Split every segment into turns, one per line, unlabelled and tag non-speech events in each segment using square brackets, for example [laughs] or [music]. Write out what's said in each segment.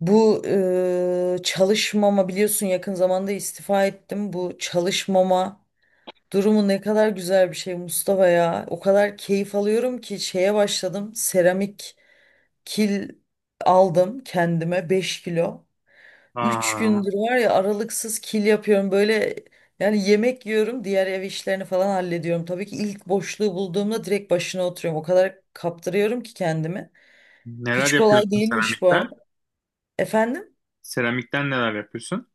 Bu çalışmama biliyorsun yakın zamanda istifa ettim. Bu çalışmama durumu ne kadar güzel bir şey Mustafa ya. O kadar keyif alıyorum ki şeye başladım. Seramik kil aldım kendime 5 kilo. üç
Aa,
gündür var ya aralıksız kil yapıyorum böyle yani yemek yiyorum, diğer ev işlerini falan hallediyorum. Tabii ki ilk boşluğu bulduğumda direkt başına oturuyorum. O kadar kaptırıyorum ki kendimi.
neler
Hiç kolay
yapıyorsun
değilmiş bu
seramikten?
arada. Efendim?
Seramikten neler yapıyorsun?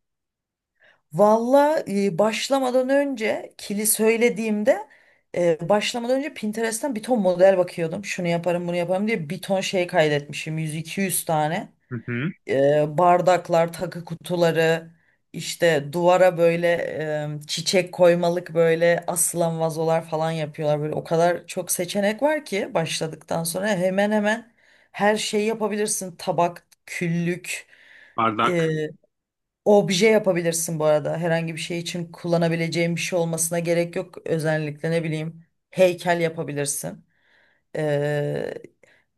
Valla başlamadan önce kili söylediğimde başlamadan önce Pinterest'ten bir ton model bakıyordum. Şunu yaparım bunu yaparım diye bir ton şey kaydetmişim. 100-200 tane.
Hı hı.
Bardaklar, takı kutuları, işte duvara böyle çiçek koymalık böyle asılan vazolar falan yapıyorlar. Böyle o kadar çok seçenek var ki başladıktan sonra hemen hemen her şeyi yapabilirsin. Tabak, küllük. e,
Bardak.
Obje yapabilirsin bu arada. Herhangi bir şey için kullanabileceğin bir şey olmasına gerek yok. Özellikle ne bileyim heykel yapabilirsin. Ee,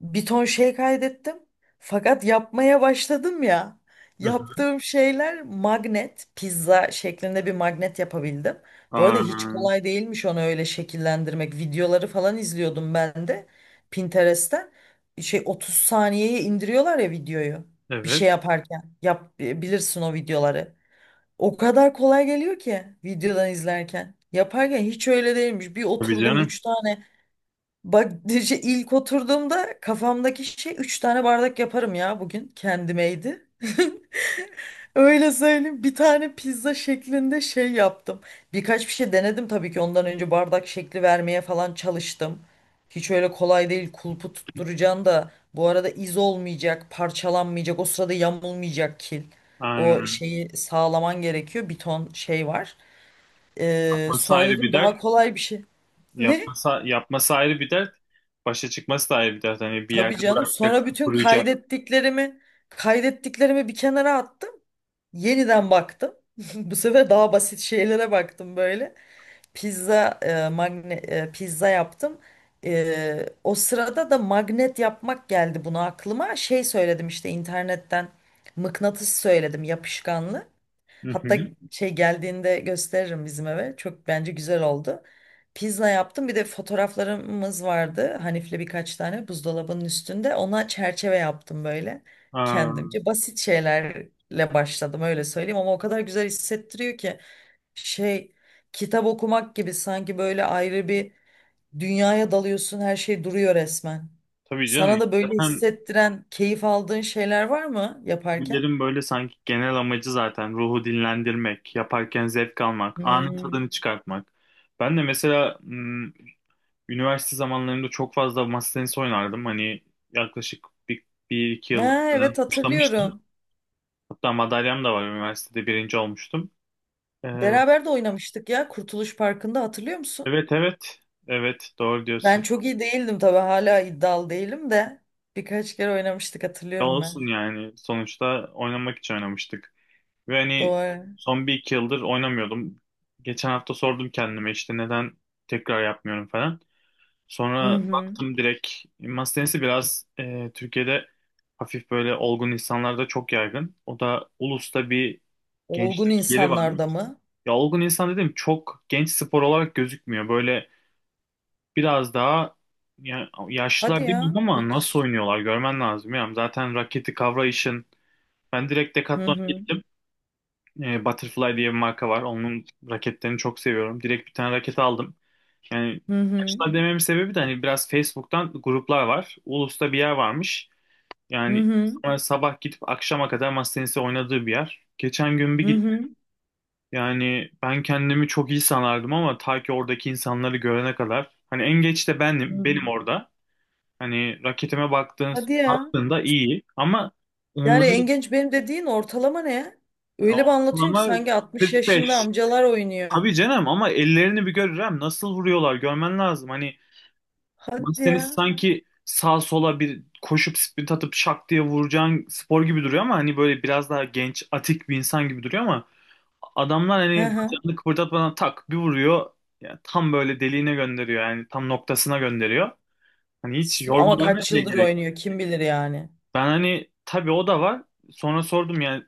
Bir ton şey kaydettim. Fakat yapmaya başladım ya.
Hı hı.
Yaptığım şeyler magnet, pizza şeklinde bir magnet yapabildim. Bu arada hiç
Aa,
kolay değilmiş onu öyle şekillendirmek. Videoları falan izliyordum ben de Pinterest'ten. Şey 30 saniyeye indiriyorlar ya videoyu. Bir şey
evet.
yaparken yap bilirsin o videoları. O kadar kolay geliyor ki videodan izlerken. Yaparken hiç öyle değilmiş. Bir
Tabii
oturdum
canım.
3 tane. Bak [laughs] işte ilk oturduğumda kafamdaki şey 3 tane bardak yaparım ya bugün. Kendimeydi. [laughs] Öyle söyleyeyim. Bir tane pizza şeklinde şey yaptım. Birkaç bir şey denedim tabii ki. Ondan önce bardak şekli vermeye falan çalıştım. Hiç öyle kolay değil. Kulpu tutturacaksın da bu arada iz olmayacak, parçalanmayacak, o sırada yamulmayacak kil. O
Aynen.
şeyi sağlaman gerekiyor. Bir ton şey var.
Yapması
Sonra
ayrı
dedim
bir
daha
dert.
kolay bir şey. Ne?
Yapması, yapması ayrı bir dert. Başa çıkması da ayrı bir dert. Hani bir yerde
Tabii canım. Sonra
bırakacaksın,
bütün
kuruyacak.
kaydettiklerimi bir kenara attım. Yeniden baktım. [laughs] Bu sefer daha basit şeylere baktım böyle. Pizza yaptım. O sırada da magnet yapmak geldi buna aklıma. Şey söyledim işte internetten mıknatıs söyledim yapışkanlı.
Hı
Hatta
hı.
şey geldiğinde gösteririm bizim eve. Çok bence güzel oldu. Pizza yaptım. Bir de fotoğraflarımız vardı. Hanif'le birkaç tane buzdolabının üstünde. Ona çerçeve yaptım böyle
Aa,
kendimce. Basit şeylerle başladım öyle söyleyeyim, ama o kadar güzel hissettiriyor ki şey, kitap okumak gibi sanki, böyle ayrı bir dünyaya dalıyorsun, her şey duruyor resmen.
tabii canım.
Sana da böyle
Zaten
hissettiren, keyif aldığın şeyler var mı yaparken?
bunların böyle sanki genel amacı zaten ruhu dinlendirmek, yaparken zevk almak, anın
Hmm.
tadını çıkartmak. Ben de mesela üniversite zamanlarımda çok fazla masa tenisi oynardım. Hani yaklaşık bir iki yıldır
Ha,
falan
evet,
başlamıştım.
hatırlıyorum.
Hatta madalyam da var. Üniversitede birinci olmuştum. Ee,
Beraber de oynamıştık ya Kurtuluş Parkı'nda, hatırlıyor musun?
evet evet. Evet doğru
Ben
diyorsun.
çok iyi değildim tabii, hala iddialı değilim de birkaç kere oynamıştık,
Ne
hatırlıyorum ben.
olsun yani. Sonuçta oynamak için oynamıştık. Ve hani
Doğru.
son bir iki yıldır oynamıyordum. Geçen hafta sordum kendime işte neden tekrar yapmıyorum falan.
Hı
Sonra
hı.
baktım direkt masa tenisi biraz Türkiye'de hafif böyle olgun insanlarda çok yaygın. O da Ulus'ta bir
Olgun
gençlik yeri varmış.
insanlarda mı?
Ya olgun insan dedim çok genç spor olarak gözükmüyor. Böyle biraz daha ya,
Hadi
yaşlılar
ya,
demiyorum ama nasıl
hiç.
oynuyorlar görmen lazım. Ya. Zaten raketi kavrayışın. Ben direkt
Hı
Decathlon'a
hı.
gittim. Butterfly diye bir marka var. Onun raketlerini çok seviyorum. Direkt bir tane raket aldım. Yani
Hı hı.
yaşlılar dememin sebebi de hani biraz Facebook'tan gruplar var. Ulus'ta bir yer varmış.
Hı
Yani
hı.
sonra sabah gidip akşama kadar masa tenisi oynadığı bir yer. Geçen gün
Hı
bir gittim.
hı.
Yani ben kendimi çok iyi sanardım ama ta ki oradaki insanları görene kadar. Hani en geç de
Hı
benim,
hı.
benim orada. Hani raketime
Hadi ya.
baktığında iyi ama
Yani en
onların
genç benim dediğin ortalama ne ya? Öyle bir anlatıyorsun ki
ortalama
sanki 60 yaşında
45.
amcalar oynuyor.
Tabii canım ama ellerini bir görürem nasıl vuruyorlar görmen lazım. Hani
Hadi
Mastenis
ya.
sanki sağ sola bir koşup sprint atıp şak diye vuracağın spor gibi duruyor ama hani böyle biraz daha genç, atik bir insan gibi duruyor ama adamlar
Hı
hani
hı.
bacağını kıpırdatmadan tak bir vuruyor. Yani tam böyle deliğine gönderiyor yani tam noktasına gönderiyor. Hani hiç
Ama
yormalarına
kaç
bile
yıldır
gerek.
oynuyor kim bilir yani.
Ben hani tabii o da var. Sonra sordum yani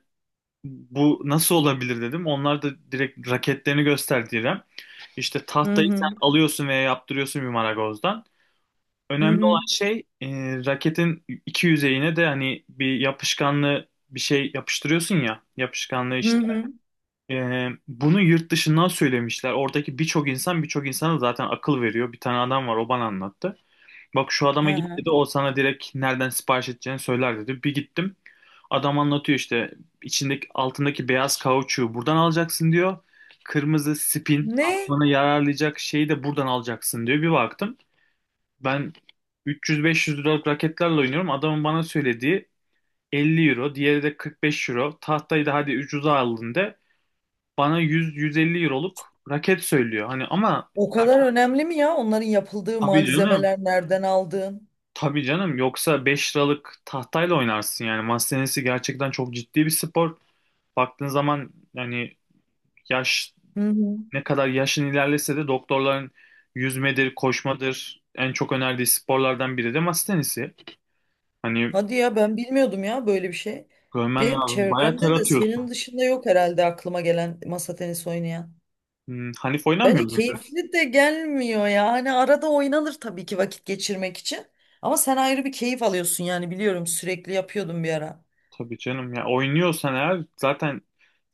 bu nasıl olabilir dedim. Onlar da direkt raketlerini gösterdiler. İşte
Hı
tahtayı sen
hı.
alıyorsun veya yaptırıyorsun bir marangozdan.
Hı
Önemli olan
hı.
şey raketin iki yüzeyine de hani bir yapışkanlı bir şey yapıştırıyorsun ya yapışkanlığı
Hı
işte.
hı.
Bunu yurt dışından söylemişler. Oradaki birçok insan birçok insana zaten akıl veriyor. Bir tane adam var o bana anlattı. Bak şu
Hı
adama git
hı.
dedi o sana direkt nereden sipariş edeceğini söyler dedi. Bir gittim. Adam anlatıyor işte içindeki altındaki beyaz kauçuğu buradan alacaksın diyor. Kırmızı spin
Ne?
aklına yararlayacak şeyi de buradan alacaksın diyor. Bir baktım. Ben 300-500 liralık raketlerle oynuyorum. Adamın bana söylediği 50 euro, diğeri de 45 euro. Tahtayı da hadi ucuza aldın de bana 100-150 euroluk raket söylüyor. Hani ama
O kadar önemli mi ya, onların yapıldığı
tabii canım,
malzemeler, nereden aldığın?
tabii canım yoksa 5 liralık tahtayla oynarsın yani. Masa tenisi gerçekten çok ciddi bir spor. Baktığın zaman yani yaş
Hı hı.
ne kadar yaşın ilerlese de doktorların yüzmedir, koşmadır en çok önerdiği sporlardan biri de masa tenisi. Hani
Hadi ya, ben bilmiyordum ya böyle bir şey.
görmen
Benim
lazım. Bayağı ter
çevremde de
atıyor.
senin dışında yok herhalde aklıma gelen masa tenisi oynayan.
Hanif oynamıyor
Bence
muydu?
keyifli de gelmiyor ya. Hani arada oynanır tabii ki vakit geçirmek için. Ama sen ayrı bir keyif alıyorsun yani, biliyorum sürekli yapıyordum bir ara.
Tabii canım ya oynuyorsan eğer zaten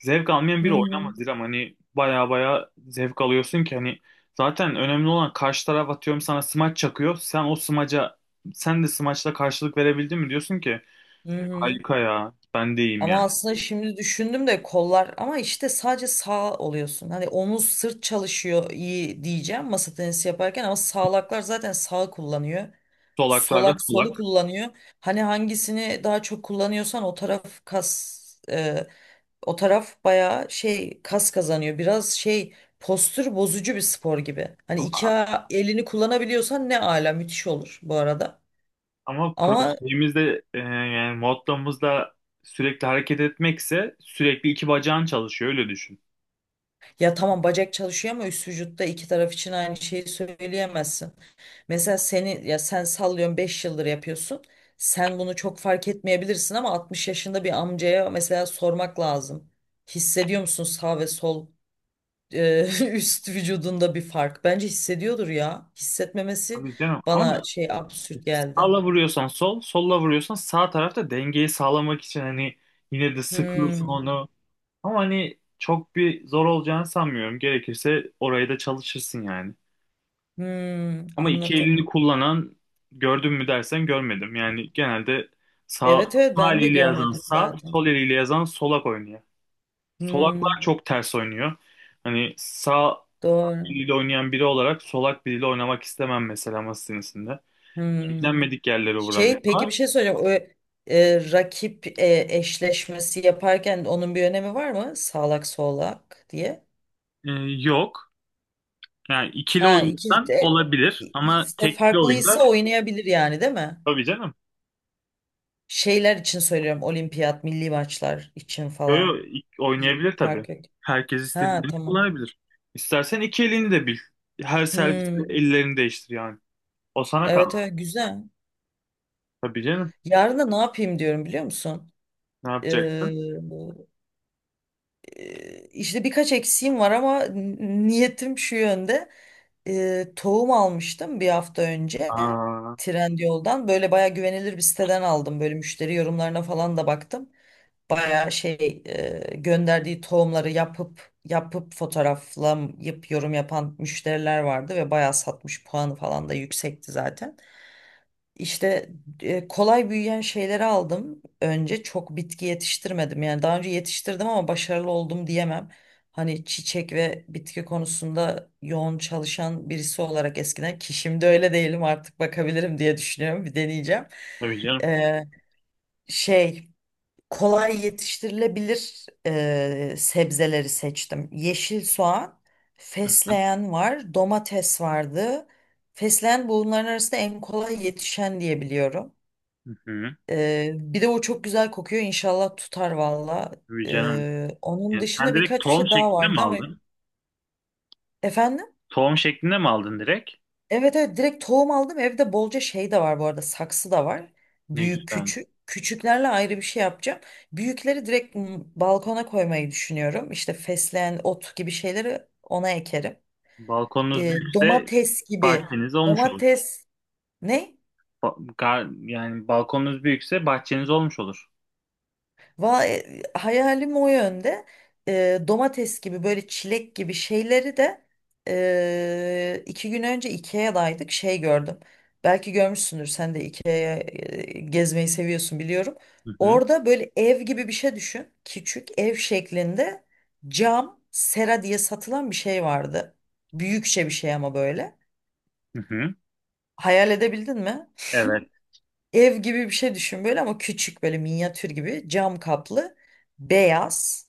zevk almayan
Hı
biri
hı.
oynamaz İrem. Hani baya baya zevk alıyorsun ki hani zaten önemli olan karşı taraf atıyorum sana smaç çakıyor. Sen o smaca sen de smaçla karşılık verebildin mi diyorsun ki
Hı hı.
harika ya ben de iyiyim yani.
Ama aslında şimdi düşündüm de kollar, ama işte sadece sağ oluyorsun. Hani omuz sırt çalışıyor iyi diyeceğim masa tenisi yaparken, ama sağlaklar zaten sağ kullanıyor.
Solaklarda
Solak
solak
solu kullanıyor. Hani hangisini daha çok kullanıyorsan o taraf kas, e, o taraf bayağı şey kas kazanıyor. Biraz şey, postür bozucu bir spor gibi. Hani
ama,
iki elini kullanabiliyorsan ne ala, müthiş olur bu arada.
ama
Ama,
şeyimizde yani modlamızda sürekli hareket etmekse sürekli iki bacağın çalışıyor öyle düşün.
ya tamam bacak çalışıyor, ama üst vücutta iki taraf için aynı şeyi söyleyemezsin. Mesela seni, ya sen sallıyorsun, 5 yıldır yapıyorsun. Sen bunu çok fark etmeyebilirsin, ama 60 yaşında bir amcaya mesela sormak lazım. Hissediyor musun sağ ve sol e, [laughs] üst vücudunda bir fark. Bence hissediyordur ya. Hissetmemesi
Tabii canım
bana
ama
şey, absürt geldi.
sağla vuruyorsan sol, solla vuruyorsan sağ tarafta dengeyi sağlamak için hani yine de sıkıyorsun
Hmm,
onu. Ama hani çok bir zor olacağını sanmıyorum. Gerekirse orayı da çalışırsın yani.
hmm,
Ama iki elini
anladım.
kullanan gördüm mü dersen görmedim. Yani genelde sağ,
Evet, evet,
sağ
ben de
eliyle yazan
görmedim
sağ, sol
zaten.
eliyle yazan solak oynuyor. Solaklar
Hmm,
çok ters oynuyor. Hani sağ
doğru.
eliyle oynayan biri olarak solak biriyle oynamak istemem mesela masa tenisinde.
Hmm.
Beklenmedik yerlere
Şey, peki
vurabiliyorlar.
bir şey soracağım. O, rakip eşleşmesi yaparken onun bir önemi var mı? Sağlak solak diye.
Ee, yok. Yani ikili
Ha,
oynuyorsan olabilir ama
ikisi de
tekli
farklıysa
oyunda
oynayabilir yani, değil mi?
tabii canım.
Şeyler için söylüyorum. Olimpiyat, milli maçlar için
Yo, yo,
falan.
oynayabilir tabii.
Fark yok.
Herkes
Ha,
istediğini
tamam.
kullanabilir. İstersen iki elini de bil. Her serviste
Hmm.
ellerini değiştir yani. O sana kal.
Evet, evet, güzel.
Tabii canım.
Yarın da ne yapayım diyorum, biliyor musun?
Ne yapacak?
Ee, e, işte birkaç eksiğim var, ama niyetim şu yönde. Tohum almıştım bir hafta önce
Aa,
Trendyol'dan. Böyle baya güvenilir bir siteden aldım. Böyle müşteri yorumlarına falan da baktım. Bayağı şey, gönderdiği tohumları yapıp yapıp fotoğraflayıp yorum yapan müşteriler vardı ve bayağı satmış, puanı falan da yüksekti zaten. İşte kolay büyüyen şeyleri aldım. Önce çok bitki yetiştirmedim. Yani daha önce yetiştirdim ama başarılı oldum diyemem. Hani çiçek ve bitki konusunda yoğun çalışan birisi olarak eskiden, ki şimdi öyle değilim, artık bakabilirim diye düşünüyorum. Bir deneyeceğim.
tabii canım.
Ee, Şey, kolay yetiştirilebilir sebzeleri seçtim. Yeşil soğan,
Hı hı.
fesleğen var, domates vardı. Fesleğen bunların arasında en kolay yetişen diye biliyorum.
Hı hı.
Bir de o çok güzel kokuyor. İnşallah tutar valla.
Tabii canım.
Onun
Yani sen
dışında
direkt
birkaç bir
tohum
şey daha
şeklinde mi
vardı ama,
aldın?
efendim?
Tohum şeklinde mi aldın direkt?
Evet, evet, direkt tohum aldım. Evde bolca şey de var bu arada. Saksı da var.
Ne
Büyük
güzel.
küçük. Küçüklerle ayrı bir şey yapacağım. Büyükleri direkt balkona koymayı düşünüyorum. İşte fesleğen, ot gibi şeyleri ona ekerim.
Balkonunuz büyükse
Domates gibi.
bahçeniz olmuş olur.
Domates, ne?
Yani balkonunuz büyükse bahçeniz olmuş olur.
Vay, hayalim o yönde. Domates gibi, böyle çilek gibi şeyleri de 2 gün önce IKEA'daydık, şey gördüm. Belki görmüşsündür sen de, IKEA'ya gezmeyi seviyorsun biliyorum.
Hı hı.
Orada böyle ev gibi bir şey düşün. Küçük ev şeklinde cam sera diye satılan bir şey vardı. Büyükçe bir şey ama, böyle.
Hı hı.
Hayal edebildin mi?
Evet.
Ev gibi bir şey düşün, böyle ama küçük, böyle minyatür gibi, cam kaplı, beyaz.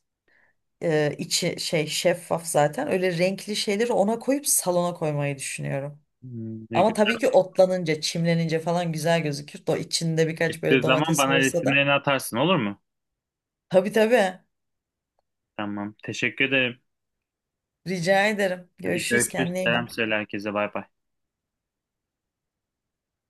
İçi şey, şeffaf zaten. Öyle renkli şeyleri ona koyup salona koymayı düşünüyorum.
Ne
Ama tabii
güzel.
ki otlanınca, çimlenince falan güzel gözükür. Da içinde birkaç böyle
Çıktığı zaman
domates
bana
olursa da.
resimlerini atarsın olur mu?
Tabii, tabii.
Tamam. Teşekkür ederim.
Rica ederim.
Hadi
Görüşürüz.
görüşürüz.
Kendine iyi
Selam
bak.
söyle herkese. Bay bay.